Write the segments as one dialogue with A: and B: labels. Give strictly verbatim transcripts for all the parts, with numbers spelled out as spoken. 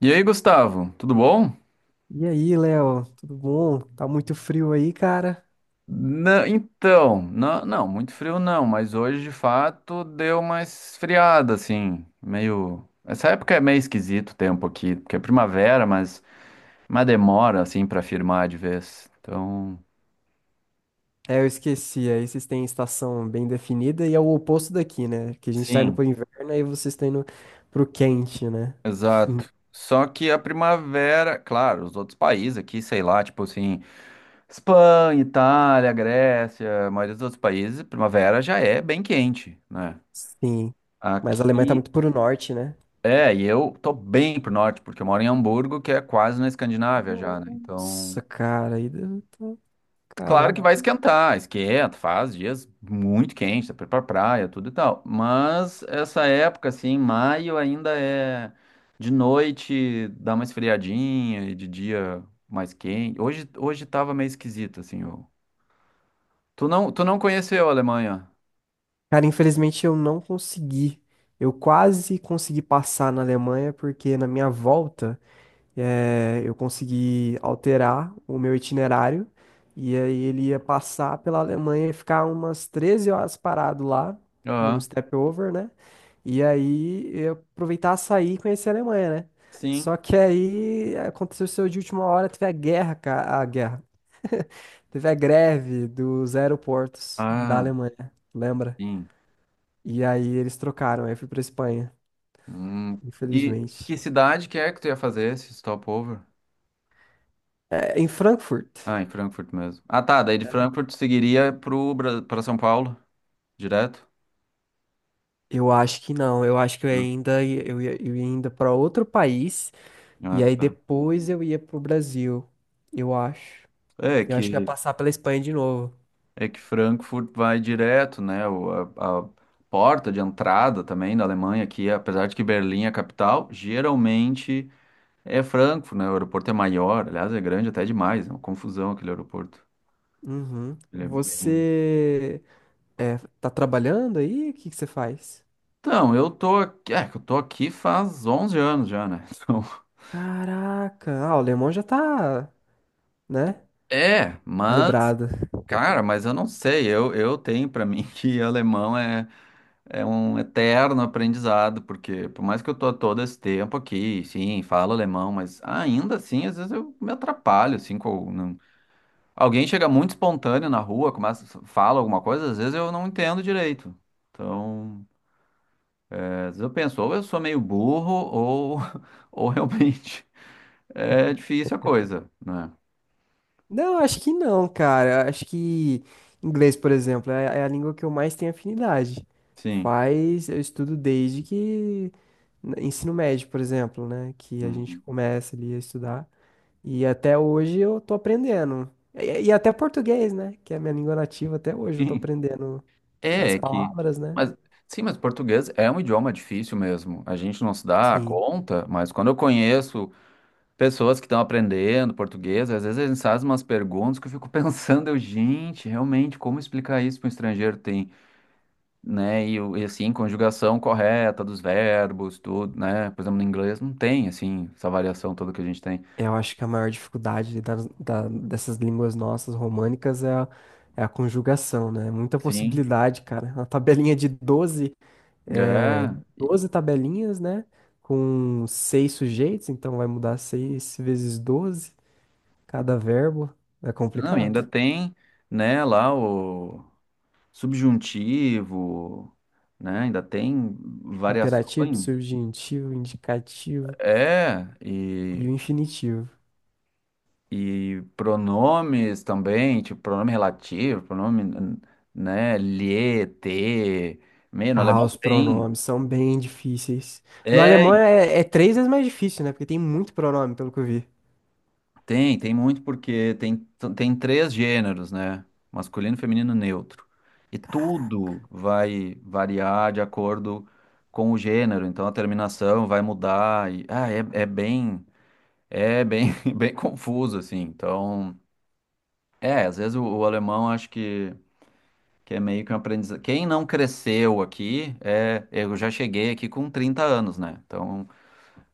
A: E aí, Gustavo, tudo bom?
B: E aí, Léo, tudo bom? Tá muito frio aí, cara?
A: Na- então, na- não, muito frio não, mas hoje de fato deu uma esfriada, assim, meio. Essa época é meio esquisito o tempo aqui, porque é primavera, mas, mas demora, assim, pra firmar de vez. Então,
B: É, eu esqueci. Aí vocês têm estação bem definida e é o oposto daqui, né? Que a gente tá indo
A: sim,
B: pro inverno e vocês estão indo pro quente, né?
A: exato. Só que a primavera, claro, os outros países aqui, sei lá, tipo assim, Espanha, Itália, Grécia, a maioria dos outros países, primavera já é bem quente, né?
B: Sim. Mas a Alemanha tá
A: Aqui.
B: muito pro norte, né?
A: É, e eu tô bem pro norte, porque eu moro em Hamburgo, que é quase na Escandinávia já, né?
B: Nossa,
A: Então,
B: cara, aí deve tá-
A: claro que vai
B: Caraca.
A: esquentar, esquenta, faz dias muito quentes, dá pra ir pra praia, tudo e tal. Mas essa época, assim, maio ainda é de noite, dá uma esfriadinha e de dia mais quente. Hoje, hoje tava meio esquisito, assim. o- Tu não, tu não conheceu a Alemanha?
B: Cara, infelizmente eu não consegui. Eu quase consegui passar na Alemanha porque na minha volta. É, eu consegui alterar o meu itinerário e aí ele ia passar pela Alemanha e ficar umas treze horas parado lá, num
A: Aham,
B: step over, né? E aí eu aproveitar sair e conhecer a Alemanha, né?
A: sim.
B: Só que aí aconteceu isso de última hora, teve a guerra, cara, a guerra. Teve a greve dos aeroportos da
A: Ah,
B: Alemanha, lembra?
A: sim.
B: E aí eles trocaram, aí eu fui pra Espanha,
A: Hum. E que
B: infelizmente.
A: cidade que é que tu ia fazer esse stopover?
B: É, em Frankfurt.
A: Ah, em Frankfurt mesmo. Ah, tá. Daí de Frankfurt seguiria pro Bra- pra São Paulo, direto?
B: Eu acho que não. Eu acho que eu
A: Ah,
B: ainda ia- eu ia, eu ia ainda para outro país
A: ah,
B: e aí
A: tá.
B: depois eu ia pro Brasil. Eu acho.
A: É
B: Eu acho que eu ia
A: que
B: passar pela Espanha de novo.
A: é que Frankfurt vai direto, né? O- a, a porta de entrada também da Alemanha aqui, apesar de que Berlim é a capital, geralmente é Frankfurt, né? O aeroporto é maior, aliás, é grande até demais, é uma confusão aquele aeroporto.
B: Uhum.
A: Ele é bem.
B: Você é, tá trabalhando aí? O que que você faz?
A: Então, eu tô aqui, é, que eu tô aqui faz onze anos já, né? Então,
B: Caraca, ah, o alemão já tá, né?
A: é, mas
B: Calibrado.
A: cara, mas eu não sei, eu, eu tenho pra mim que alemão é, é um eterno aprendizado, porque por mais que eu tô há todo esse tempo aqui, sim, falo alemão, mas ainda assim, às vezes eu me atrapalho, assim, com, não- alguém chega muito espontâneo na rua, começa, fala alguma coisa, às vezes eu não entendo direito. Então, é, às vezes eu penso, ou eu sou meio burro, ou, ou realmente é difícil a coisa, né?
B: Não, acho que não, cara. Acho que inglês, por exemplo, é é a língua que eu mais tenho afinidade.
A: Sim.
B: Faz, eu estudo desde que ensino médio, por exemplo, né? Que a gente
A: Uhum.
B: começa ali a estudar. E até hoje eu tô aprendendo. E, e até português, né? Que é a minha língua nativa, até hoje eu tô
A: Sim.
B: aprendendo
A: É,
B: as
A: é que.
B: palavras, né?
A: Mas, sim, mas português é um idioma difícil mesmo. A gente não se dá
B: Sim.
A: conta, mas quando eu conheço pessoas que estão aprendendo português, às vezes eles fazem umas perguntas que eu fico pensando, eu, gente, realmente, como explicar isso para um estrangeiro tem, né? E, o- e, assim, conjugação correta dos verbos, tudo, né? Por exemplo, no inglês não tem, assim, essa variação toda que a gente tem.
B: Eu acho que a maior dificuldade das- da- dessas línguas nossas românicas é a, é a conjugação, né? Muita
A: Sim.
B: possibilidade, cara. Uma tabelinha de doze, é,
A: É.
B: doze tabelinhas, né? Com seis sujeitos, então vai mudar seis vezes doze cada verbo. É
A: Não, e
B: complicado.
A: ainda tem, né, lá o. subjuntivo, né? Ainda tem
B: Imperativo,
A: variações.
B: subjuntivo, indicativo
A: É,
B: e
A: e,
B: o infinitivo.
A: e pronomes também, tipo pronome relativo, pronome, né? Lhe, te, me, no
B: Ah,
A: alemão
B: os
A: tem.
B: pronomes são bem difíceis. No
A: É,
B: alemão é, é três vezes mais difícil, né? Porque tem muito pronome, pelo que eu vi.
A: tem, tem muito porque tem, tem três gêneros, né? Masculino, feminino, neutro. E tudo vai variar de acordo com o gênero, então a terminação vai mudar. E, ah, é, é bem. É bem, bem confuso, assim. Então, é, às vezes o, o alemão acho que, que é meio que um aprendizado. Quem não cresceu aqui, é, eu já cheguei aqui com trinta anos, né? Então,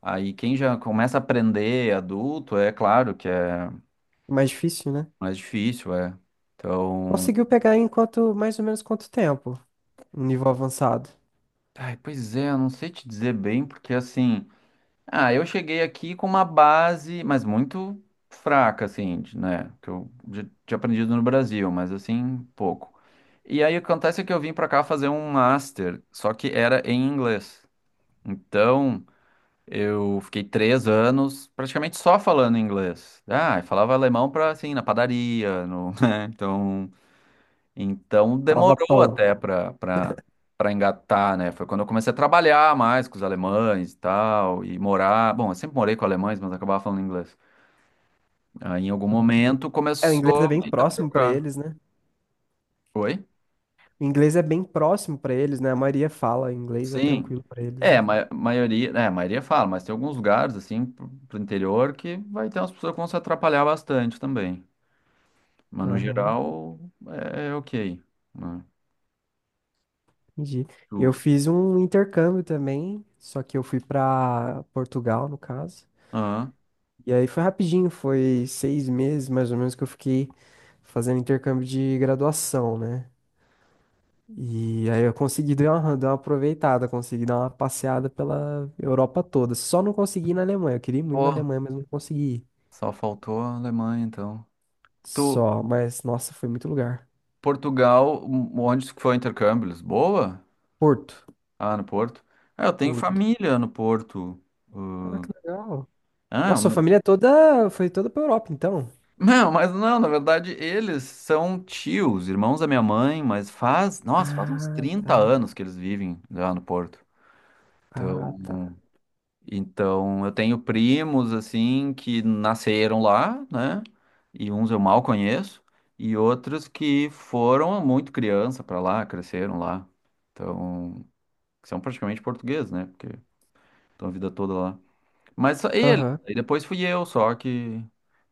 A: aí quem já começa a aprender adulto, é claro que é
B: Mais difícil, né?
A: mais difícil, é. Então,
B: Conseguiu pegar em quanto, mais ou menos quanto tempo? Um nível avançado.
A: ai, pois é, eu não sei te dizer bem, porque assim. Ah, eu cheguei aqui com uma base, mas muito fraca, assim, de- né? Que eu já tinha aprendido no Brasil, mas assim, pouco. E aí o que acontece é que eu vim pra cá fazer um master, só que era em inglês. Então, eu fiquei três anos praticamente só falando inglês. Ah, eu falava alemão pra, assim, na padaria, no, né? Então. Então
B: Falava
A: demorou
B: pão.
A: até para para para engatar, né? Foi quando eu comecei a trabalhar mais com os alemães e tal, e morar. Bom, eu sempre morei com alemães, mas acabava falando inglês. Aí em algum momento
B: É, o inglês é
A: começou
B: bem
A: meio que a
B: próximo pra
A: trocar.
B: eles, né?
A: Foi?
B: O inglês é bem próximo pra eles, né? A maioria fala inglês, é
A: Sim.
B: tranquilo pra eles,
A: É, a
B: né?
A: ma maioria, é, a maioria fala, mas tem alguns lugares, assim, pro, pro interior que vai ter umas pessoas que vão se atrapalhar bastante também. Mas no
B: Aham,
A: geral, é, é ok, né?
B: entendi.
A: Tu,
B: Eu fiz um intercâmbio também, só que eu fui pra Portugal, no caso.
A: ah,
B: E aí foi rapidinho, foi seis meses mais ou menos que eu fiquei fazendo intercâmbio de graduação, né? E aí eu consegui dar uma, dar uma aproveitada, consegui dar uma passeada pela Europa toda. Só não consegui ir na Alemanha. Eu queria ir muito na
A: pô,
B: Alemanha, mas não consegui ir.
A: só faltou a Alemanha, então. Tu,
B: Só, mas nossa, foi muito lugar.
A: Portugal, onde foi o intercâmbio? Lisboa?
B: Porto,
A: Ah, no Porto. Ah, eu tenho
B: Porto.
A: família no Porto.
B: Ah,
A: Uh,
B: que legal.
A: ah, o
B: Nossa, a
A: meu-
B: família toda foi toda pra Europa, então.
A: não, mas não, na verdade eles são tios, irmãos da minha mãe, mas faz, nossa, faz uns
B: Ah,
A: trinta
B: tá.
A: anos que eles vivem lá no Porto.
B: Ah,
A: Então,
B: tá.
A: então eu tenho primos assim que nasceram lá, né? E uns eu mal conheço, e outros que foram muito criança para lá, cresceram lá. Então, que são praticamente portugueses, né? Porque estão a vida toda lá. Mas só ele.
B: Aham.
A: Aí depois fui eu só que,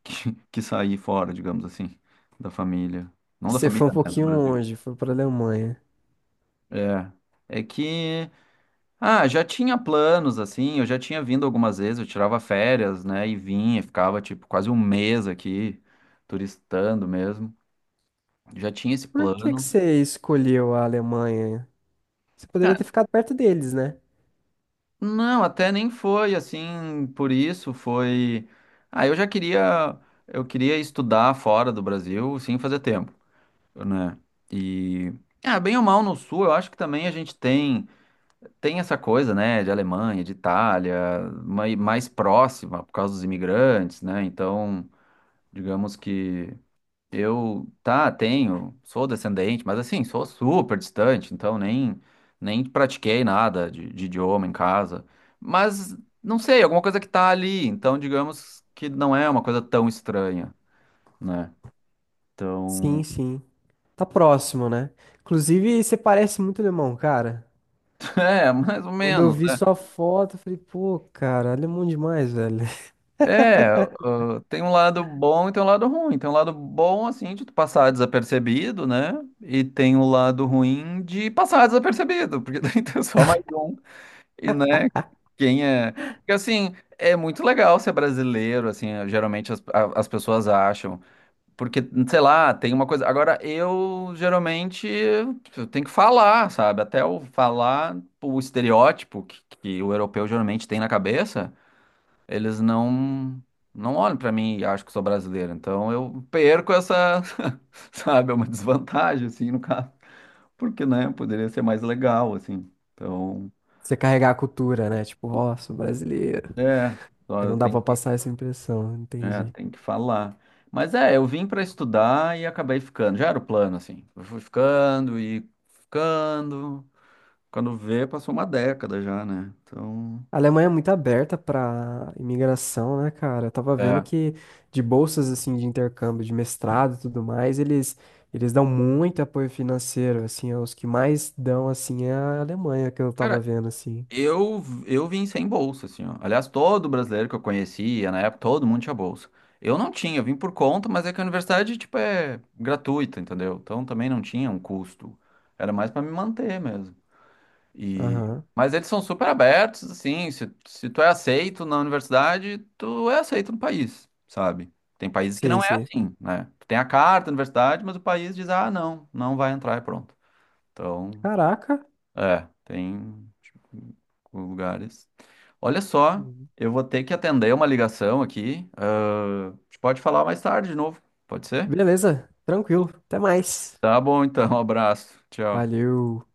A: que, que saí fora, digamos assim, da família. Não da
B: Você
A: família,
B: foi um
A: né? Do
B: pouquinho
A: Brasil.
B: longe, foi pra Alemanha.
A: É. É que, ah, já tinha planos, assim, eu já tinha vindo algumas vezes, eu tirava férias, né, e vinha, ficava, tipo, quase um mês aqui, turistando mesmo. Já tinha esse
B: Por que que
A: plano.
B: você escolheu a Alemanha? Você poderia ter ficado perto deles, né?
A: Não, até nem foi assim, por isso foi. Ah, eu já queria, eu queria estudar fora do Brasil sim fazer tempo, né? E ah, bem ou mal no sul, eu acho que também a gente tem tem essa coisa, né, de Alemanha, de Itália, mai- mais próxima por causa dos imigrantes, né? Então, digamos que eu, tá, tenho, sou descendente, mas assim, sou super distante, então nem, nem pratiquei nada de, de idioma em casa. Mas, não sei, alguma coisa que tá ali, então digamos que não é uma coisa tão estranha, né? Então,
B: Sim, sim. Tá próximo, né? Inclusive, você parece muito alemão, cara.
A: é, mais ou
B: Quando eu
A: menos,
B: vi
A: né?
B: sua foto, eu falei, pô, cara, alemão demais, velho.
A: É, ah, tem um lado bom e tem um lado ruim. Tem um lado bom, assim, de tu passar desapercebido, né? E tem o lado ruim de passar desapercebido, porque tem só mais um. E, né, quem é. Porque, assim, é muito legal ser brasileiro, assim, eh, geralmente as, a- as pessoas acham. Porque, sei lá, tem uma coisa. Agora, eu geralmente eu tenho que falar, sabe? Até eu falar o estereótipo que, que o europeu geralmente tem na cabeça, eles não. Não olham pra mim e acham que sou brasileiro. Então eu perco essa, sabe, é uma desvantagem, assim, no caso. Porque, né, poderia ser mais legal, assim. Então,
B: Você carregar a cultura, né? Tipo, ó, sou brasileiro.
A: é. Só
B: Aí
A: eu
B: não dá
A: tenho
B: pra passar essa impressão,
A: É,
B: entendi.
A: tem que falar. Mas é, eu vim para estudar e acabei ficando. Já era o plano, assim. Eu fui ficando e ficando. Quando vê, passou uma década já, né? Então,
B: A Alemanha é muito aberta pra imigração, né, cara? Eu tava vendo
A: é.
B: que de bolsas, assim, de intercâmbio, de mestrado e tudo mais, eles, eles dão muito apoio financeiro, assim, os que mais dão, assim, é a Alemanha, que eu tava
A: Cara,
B: vendo, assim.
A: eu, eu vim sem bolsa, assim, ó. Aliás, todo brasileiro que eu conhecia, na época, todo mundo tinha bolsa. Eu não tinha, eu vim por conta, mas é que a universidade, tipo, é gratuita, entendeu? Então também não tinha um custo. Era mais para me manter mesmo. E...
B: Aham,
A: Mas eles são super abertos, assim, se, se tu é aceito na universidade, tu é aceito no país, sabe? Tem países que
B: sei,
A: não é
B: sei.
A: assim, né? Tu tem a carta da universidade, mas o país diz, ah, não, não vai entrar e pronto. Então,
B: Caraca!
A: é, tem tipo, lugares. Olha só, eu vou ter que atender uma ligação aqui. Ah, a gente pode falar mais tarde de novo, pode ser?
B: Beleza, tranquilo. Até mais.
A: Tá bom, então, um abraço, tchau.
B: Valeu.